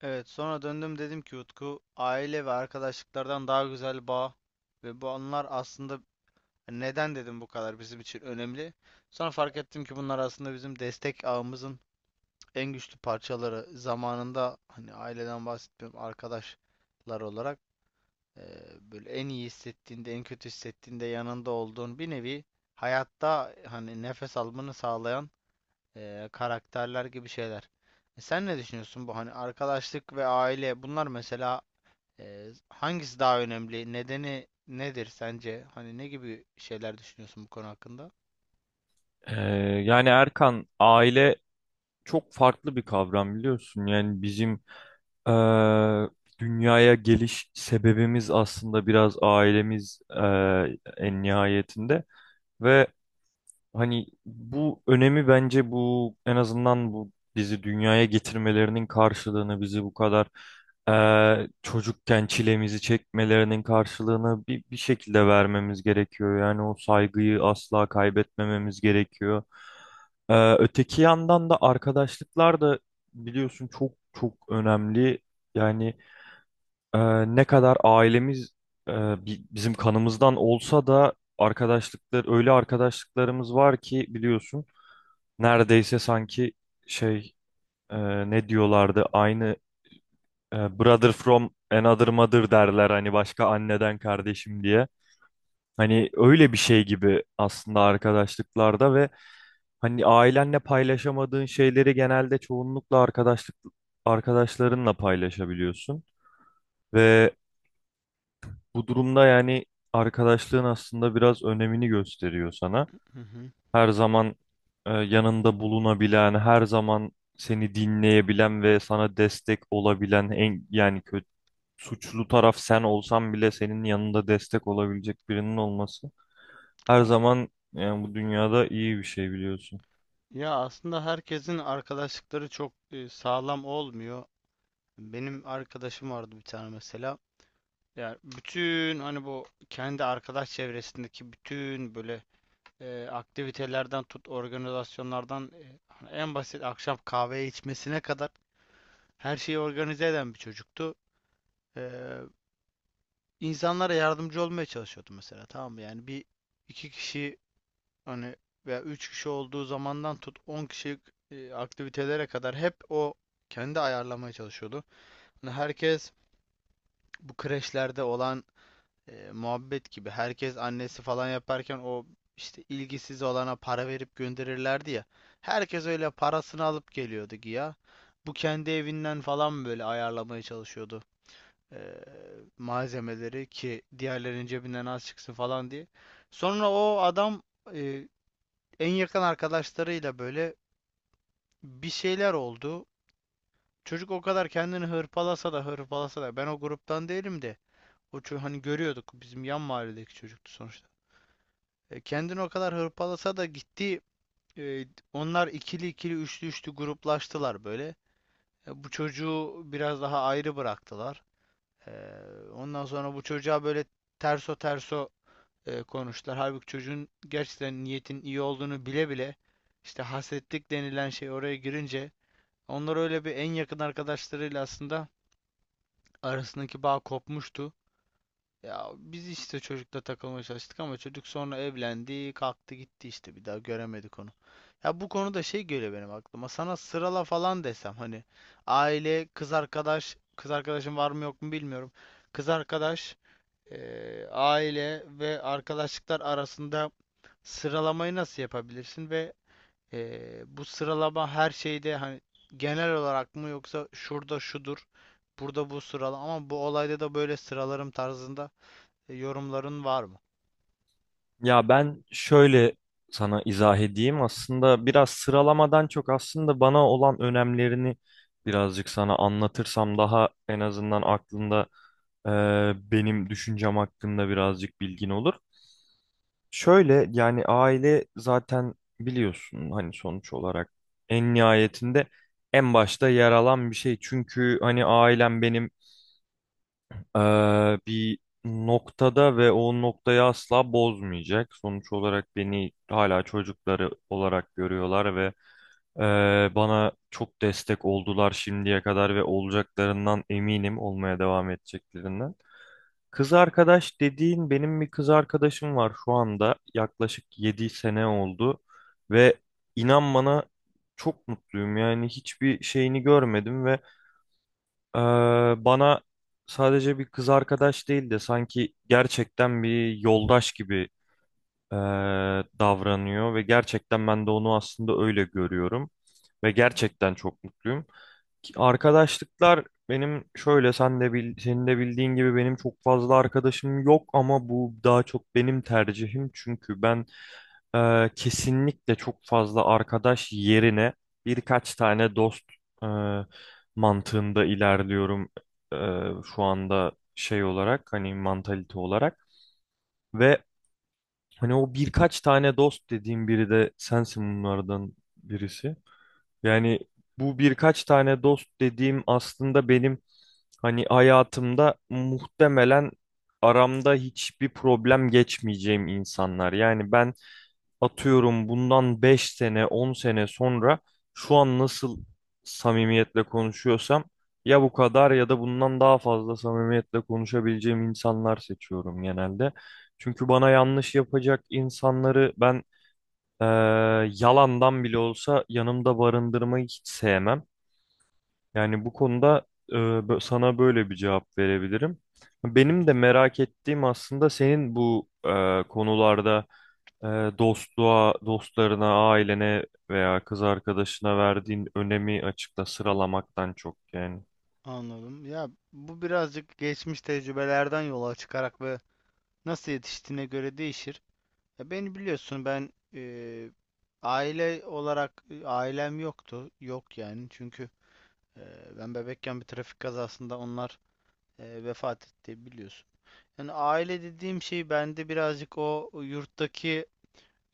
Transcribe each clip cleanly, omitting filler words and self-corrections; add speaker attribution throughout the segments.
Speaker 1: Evet, sonra döndüm dedim ki Utku aile ve arkadaşlıklardan daha güzel bağ ve bu anılar aslında neden dedim bu kadar bizim için önemli. Sonra fark ettim ki bunlar aslında bizim destek ağımızın en güçlü parçaları. Zamanında hani aileden bahsetmiyorum arkadaşlar olarak eee, böyle en iyi hissettiğinde en kötü hissettiğinde yanında olduğun bir nevi hayatta hani nefes almanı sağlayan karakterler gibi şeyler. Sen ne düşünüyorsun bu hani arkadaşlık ve aile bunlar mesela hangisi daha önemli? Nedeni nedir sence? Hani ne gibi şeyler düşünüyorsun bu konu hakkında?
Speaker 2: Ee, yani Erkan aile çok farklı bir kavram biliyorsun. Yani bizim eee, dünyaya geliş sebebimiz aslında biraz ailemiz en nihayetinde ve hani bu önemi bence bu en azından bu bizi dünyaya getirmelerinin karşılığını bizi bu kadar çocukken çilemizi çekmelerinin karşılığını bir şekilde vermemiz gerekiyor. Yani o saygıyı asla kaybetmememiz gerekiyor. Öteki yandan da arkadaşlıklar da biliyorsun çok çok önemli. Yani ee, ne kadar ailemiz e, bizim kanımızdan olsa da arkadaşlıklar öyle arkadaşlıklarımız var ki biliyorsun neredeyse sanki şey ne diyorlardı aynı brother from another mother derler hani başka anneden kardeşim diye. Hani öyle bir şey gibi aslında arkadaşlıklarda ve hani ailenle paylaşamadığın şeyleri genelde çoğunlukla arkadaşlarınla paylaşabiliyorsun ve bu durumda yani arkadaşlığın aslında biraz önemini gösteriyor sana.
Speaker 1: Hı hı.
Speaker 2: Her zaman yanında bulunabilen, her zaman seni dinleyebilen ve sana destek olabilen en yani kötü suçlu taraf sen olsan bile senin yanında destek olabilecek birinin olması her
Speaker 1: Ee,
Speaker 2: zaman yani bu dünyada iyi bir şey biliyorsun.
Speaker 1: Ya aslında herkesin arkadaşlıkları çok sağlam olmuyor. Benim arkadaşım vardı bir tane mesela. Yani bütün hani bu kendi arkadaş çevresindeki bütün böyle aktivitelerden tut organizasyonlardan hani en basit akşam kahve içmesine kadar her şeyi organize eden bir çocuktu. Ee, insanlara yardımcı olmaya çalışıyordum mesela, tamam mı? Yani bir iki kişi hani veya üç kişi olduğu zamandan tut 10 kişilik aktivitelere kadar hep o kendi ayarlamaya çalışıyordu. Hani herkes bu kreşlerde olan muhabbet gibi, herkes annesi falan yaparken o işte ilgisiz olana para verip gönderirlerdi ya. Herkes öyle parasını alıp geliyordu ya. Bu kendi evinden falan böyle ayarlamaya çalışıyordu e, malzemeleri ki diğerlerinin cebinden az çıksın falan diye. Sonra o adam e, en yakın arkadaşlarıyla böyle bir şeyler oldu. Çocuk o kadar kendini hırpalasa da hırpalasa da, ben o gruptan değilim de hani görüyorduk, bizim yan mahalledeki çocuktu sonuçta. Kendini o kadar hırpalasa da gitti, e, onlar ikili ikili üçlü üçlü gruplaştılar böyle. Bu çocuğu biraz daha ayrı bıraktılar. E, Ondan sonra bu çocuğa böyle terso terso konuştular. Halbuki çocuğun gerçekten niyetin iyi olduğunu bile bile, işte hasetlik denilen şey oraya girince, onlar öyle bir en yakın arkadaşlarıyla aslında arasındaki bağ kopmuştu. Ya biz işte çocukla takılmaya çalıştık ama çocuk sonra evlendi, kalktı gitti, işte bir daha göremedik onu. Ya bu konuda şey geliyor benim aklıma. Sana sırala falan desem hani aile, kız arkadaş, kız arkadaşın var mı yok mu bilmiyorum. Kız arkadaş, aile ve arkadaşlıklar arasında sıralamayı nasıl yapabilirsin ve bu sıralama her şeyde hani genel olarak mı, yoksa şurada şudur, burada bu sıralama ama bu olayda da böyle sıralarım tarzında yorumların var mı?
Speaker 2: Ya ben şöyle sana izah edeyim. Aslında biraz sıralamadan çok aslında bana olan önemlerini birazcık sana anlatırsam daha en azından aklında e, benim düşüncem hakkında birazcık bilgin olur. Şöyle yani aile zaten biliyorsun hani sonuç olarak en nihayetinde en başta yer alan bir şey. Çünkü hani ailem benim bir noktada ve o noktayı asla bozmayacak. Sonuç olarak beni hala çocukları olarak görüyorlar ve bana çok destek oldular şimdiye kadar ve olacaklarından eminim olmaya devam edeceklerinden. Kız arkadaş dediğin benim bir kız arkadaşım var şu anda yaklaşık 7 sene oldu ve inan bana çok mutluyum yani hiçbir şeyini görmedim ve ee, bana sadece bir kız arkadaş değil de sanki gerçekten bir yoldaş gibi ee, davranıyor ve gerçekten ben de onu aslında öyle görüyorum ve gerçekten çok mutluyum. Ki arkadaşlıklar benim şöyle sen de bil, senin de bildiğin gibi benim çok fazla arkadaşım yok ama bu daha çok benim tercihim çünkü ben kesinlikle çok fazla arkadaş yerine birkaç tane dost e, mantığında ilerliyorum e, şu anda şey olarak hani mantalite olarak ve hani o birkaç tane dost dediğim biri de sensin bunlardan birisi. Yani bu birkaç tane dost dediğim aslında benim hani hayatımda muhtemelen aramda hiçbir problem geçmeyeceğim insanlar. Yani ben atıyorum bundan 5 sene 10 sene sonra şu an nasıl samimiyetle konuşuyorsam ya bu kadar ya da bundan daha fazla samimiyetle konuşabileceğim insanlar seçiyorum genelde. Çünkü bana yanlış yapacak insanları ben eee, yalandan bile olsa yanımda barındırmayı hiç sevmem. Yani bu konuda sana böyle bir cevap verebilirim.
Speaker 1: Hı
Speaker 2: Benim
Speaker 1: hı.
Speaker 2: de merak ettiğim aslında senin bu konularda e, dostluğa, dostlarına, ailene veya kız arkadaşına verdiğin önemi açıkta sıralamaktan çok yani.
Speaker 1: Anladım. Ya bu birazcık geçmiş tecrübelerden yola çıkarak ve nasıl yetiştiğine göre değişir. Ya beni biliyorsun, ben aile olarak ailem yoktu. Yok yani, çünkü e, ben bebekken bir trafik kazasında onlar vefat etti biliyorsun. Yani aile dediğim şey bende birazcık o yurttaki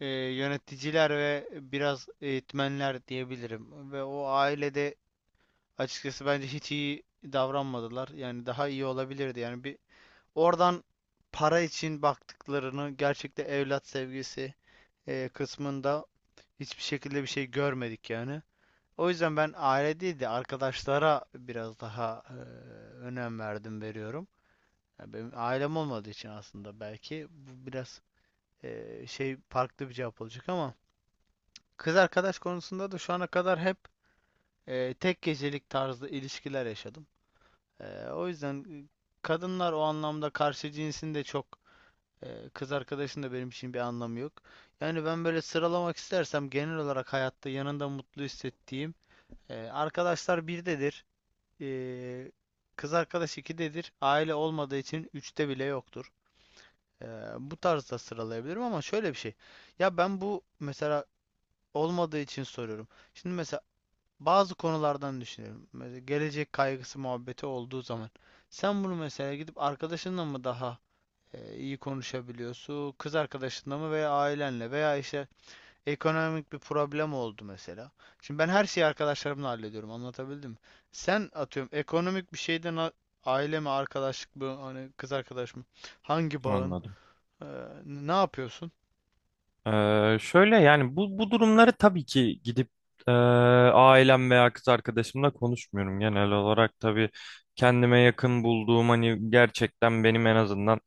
Speaker 1: yöneticiler ve biraz eğitmenler diyebilirim. Ve o ailede açıkçası bence hiç iyi davranmadılar. Yani daha iyi olabilirdi. Yani bir oradan para için baktıklarını, gerçekten evlat sevgisi kısmında hiçbir şekilde bir şey görmedik yani. O yüzden ben aile değil de arkadaşlara biraz daha önem verdim, veriyorum. Ya benim ailem olmadığı için aslında belki bu biraz şey, farklı bir cevap olacak ama kız arkadaş konusunda da şu ana kadar hep tek gecelik tarzlı ilişkiler yaşadım. E, o yüzden e, Kadınlar o anlamda, karşı cinsin de çok kız arkadaşın da benim için bir anlamı yok. Yani ben böyle sıralamak istersem, genel olarak hayatta yanında mutlu hissettiğim arkadaşlar birdedir. E, Kız arkadaş ikidedir. Aile olmadığı için üçte bile yoktur. E, Bu tarzda sıralayabilirim ama şöyle bir şey. Ya ben bu mesela olmadığı için soruyorum. Şimdi mesela bazı konulardan düşünelim. Mesela gelecek kaygısı muhabbeti olduğu zaman sen bunu mesela gidip arkadaşınla mı daha iyi konuşabiliyorsun, kız arkadaşınla mı, veya ailenle, veya işte ekonomik bir problem oldu mesela. Şimdi ben her şeyi arkadaşlarımla hallediyorum. Anlatabildim mi? Sen atıyorum ekonomik bir şeyden aile mi, arkadaşlık mı, hani kız arkadaş mı? Hangi bağın?
Speaker 2: Anladım.
Speaker 1: Ee, ne yapıyorsun?
Speaker 2: Şöyle yani bu durumları tabii ki gidip e, ailem veya kız arkadaşımla konuşmuyorum. Genel olarak tabii kendime yakın bulduğum hani gerçekten benim en azından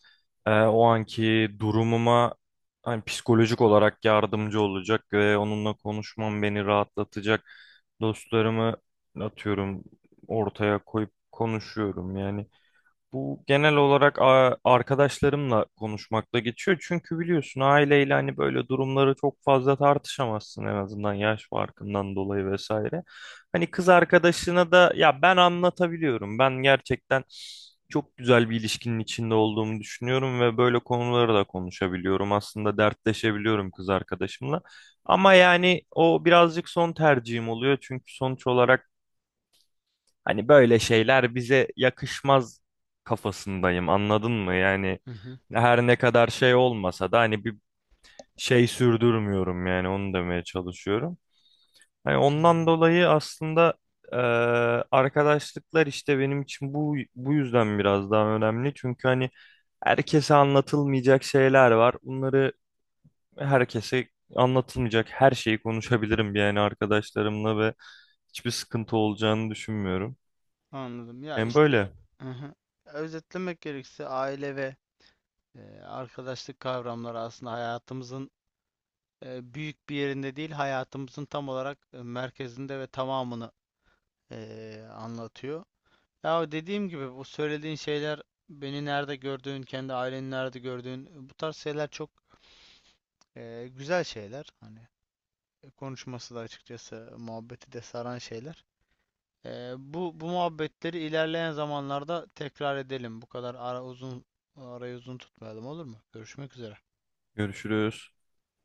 Speaker 2: o anki durumuma hani psikolojik olarak yardımcı olacak ve onunla konuşmam beni rahatlatacak dostlarımı atıyorum ortaya koyup konuşuyorum yani. Bu genel olarak arkadaşlarımla konuşmakla geçiyor. Çünkü biliyorsun aileyle hani böyle durumları çok fazla tartışamazsın en azından yaş farkından dolayı vesaire. Hani kız arkadaşına da ya ben anlatabiliyorum. Ben gerçekten çok güzel bir ilişkinin içinde olduğumu düşünüyorum ve böyle konuları da konuşabiliyorum. Aslında dertleşebiliyorum kız arkadaşımla. Ama yani o birazcık son tercihim oluyor. Çünkü sonuç olarak hani böyle şeyler bize yakışmaz kafasındayım anladın mı? Yani
Speaker 1: Hı hı,
Speaker 2: her ne kadar şey olmasa da hani bir şey sürdürmüyorum yani onu demeye çalışıyorum. Hani ondan
Speaker 1: anladım.
Speaker 2: dolayı aslında eee, arkadaşlıklar işte benim için bu yüzden biraz daha önemli. Çünkü hani herkese anlatılmayacak şeyler var. Bunları herkese anlatılmayacak her şeyi konuşabilirim yani arkadaşlarımla ve hiçbir sıkıntı olacağını düşünmüyorum.
Speaker 1: Anladım. Ya
Speaker 2: Yani
Speaker 1: işte,
Speaker 2: böyle.
Speaker 1: hı hı. Özetlemek gerekirse aile ve arkadaşlık kavramları aslında hayatımızın büyük bir yerinde değil, hayatımızın tam olarak merkezinde ve tamamını anlatıyor. Ya dediğim gibi bu söylediğin şeyler, beni nerede gördüğün, kendi aileni nerede gördüğün, bu tarz şeyler çok güzel şeyler. Hani konuşması da, açıkçası muhabbeti de saran şeyler. Bu muhabbetleri ilerleyen zamanlarda tekrar edelim. Bu kadar arayı uzun tutmayalım, olur mu? Görüşmek üzere.
Speaker 2: Görüşürüz.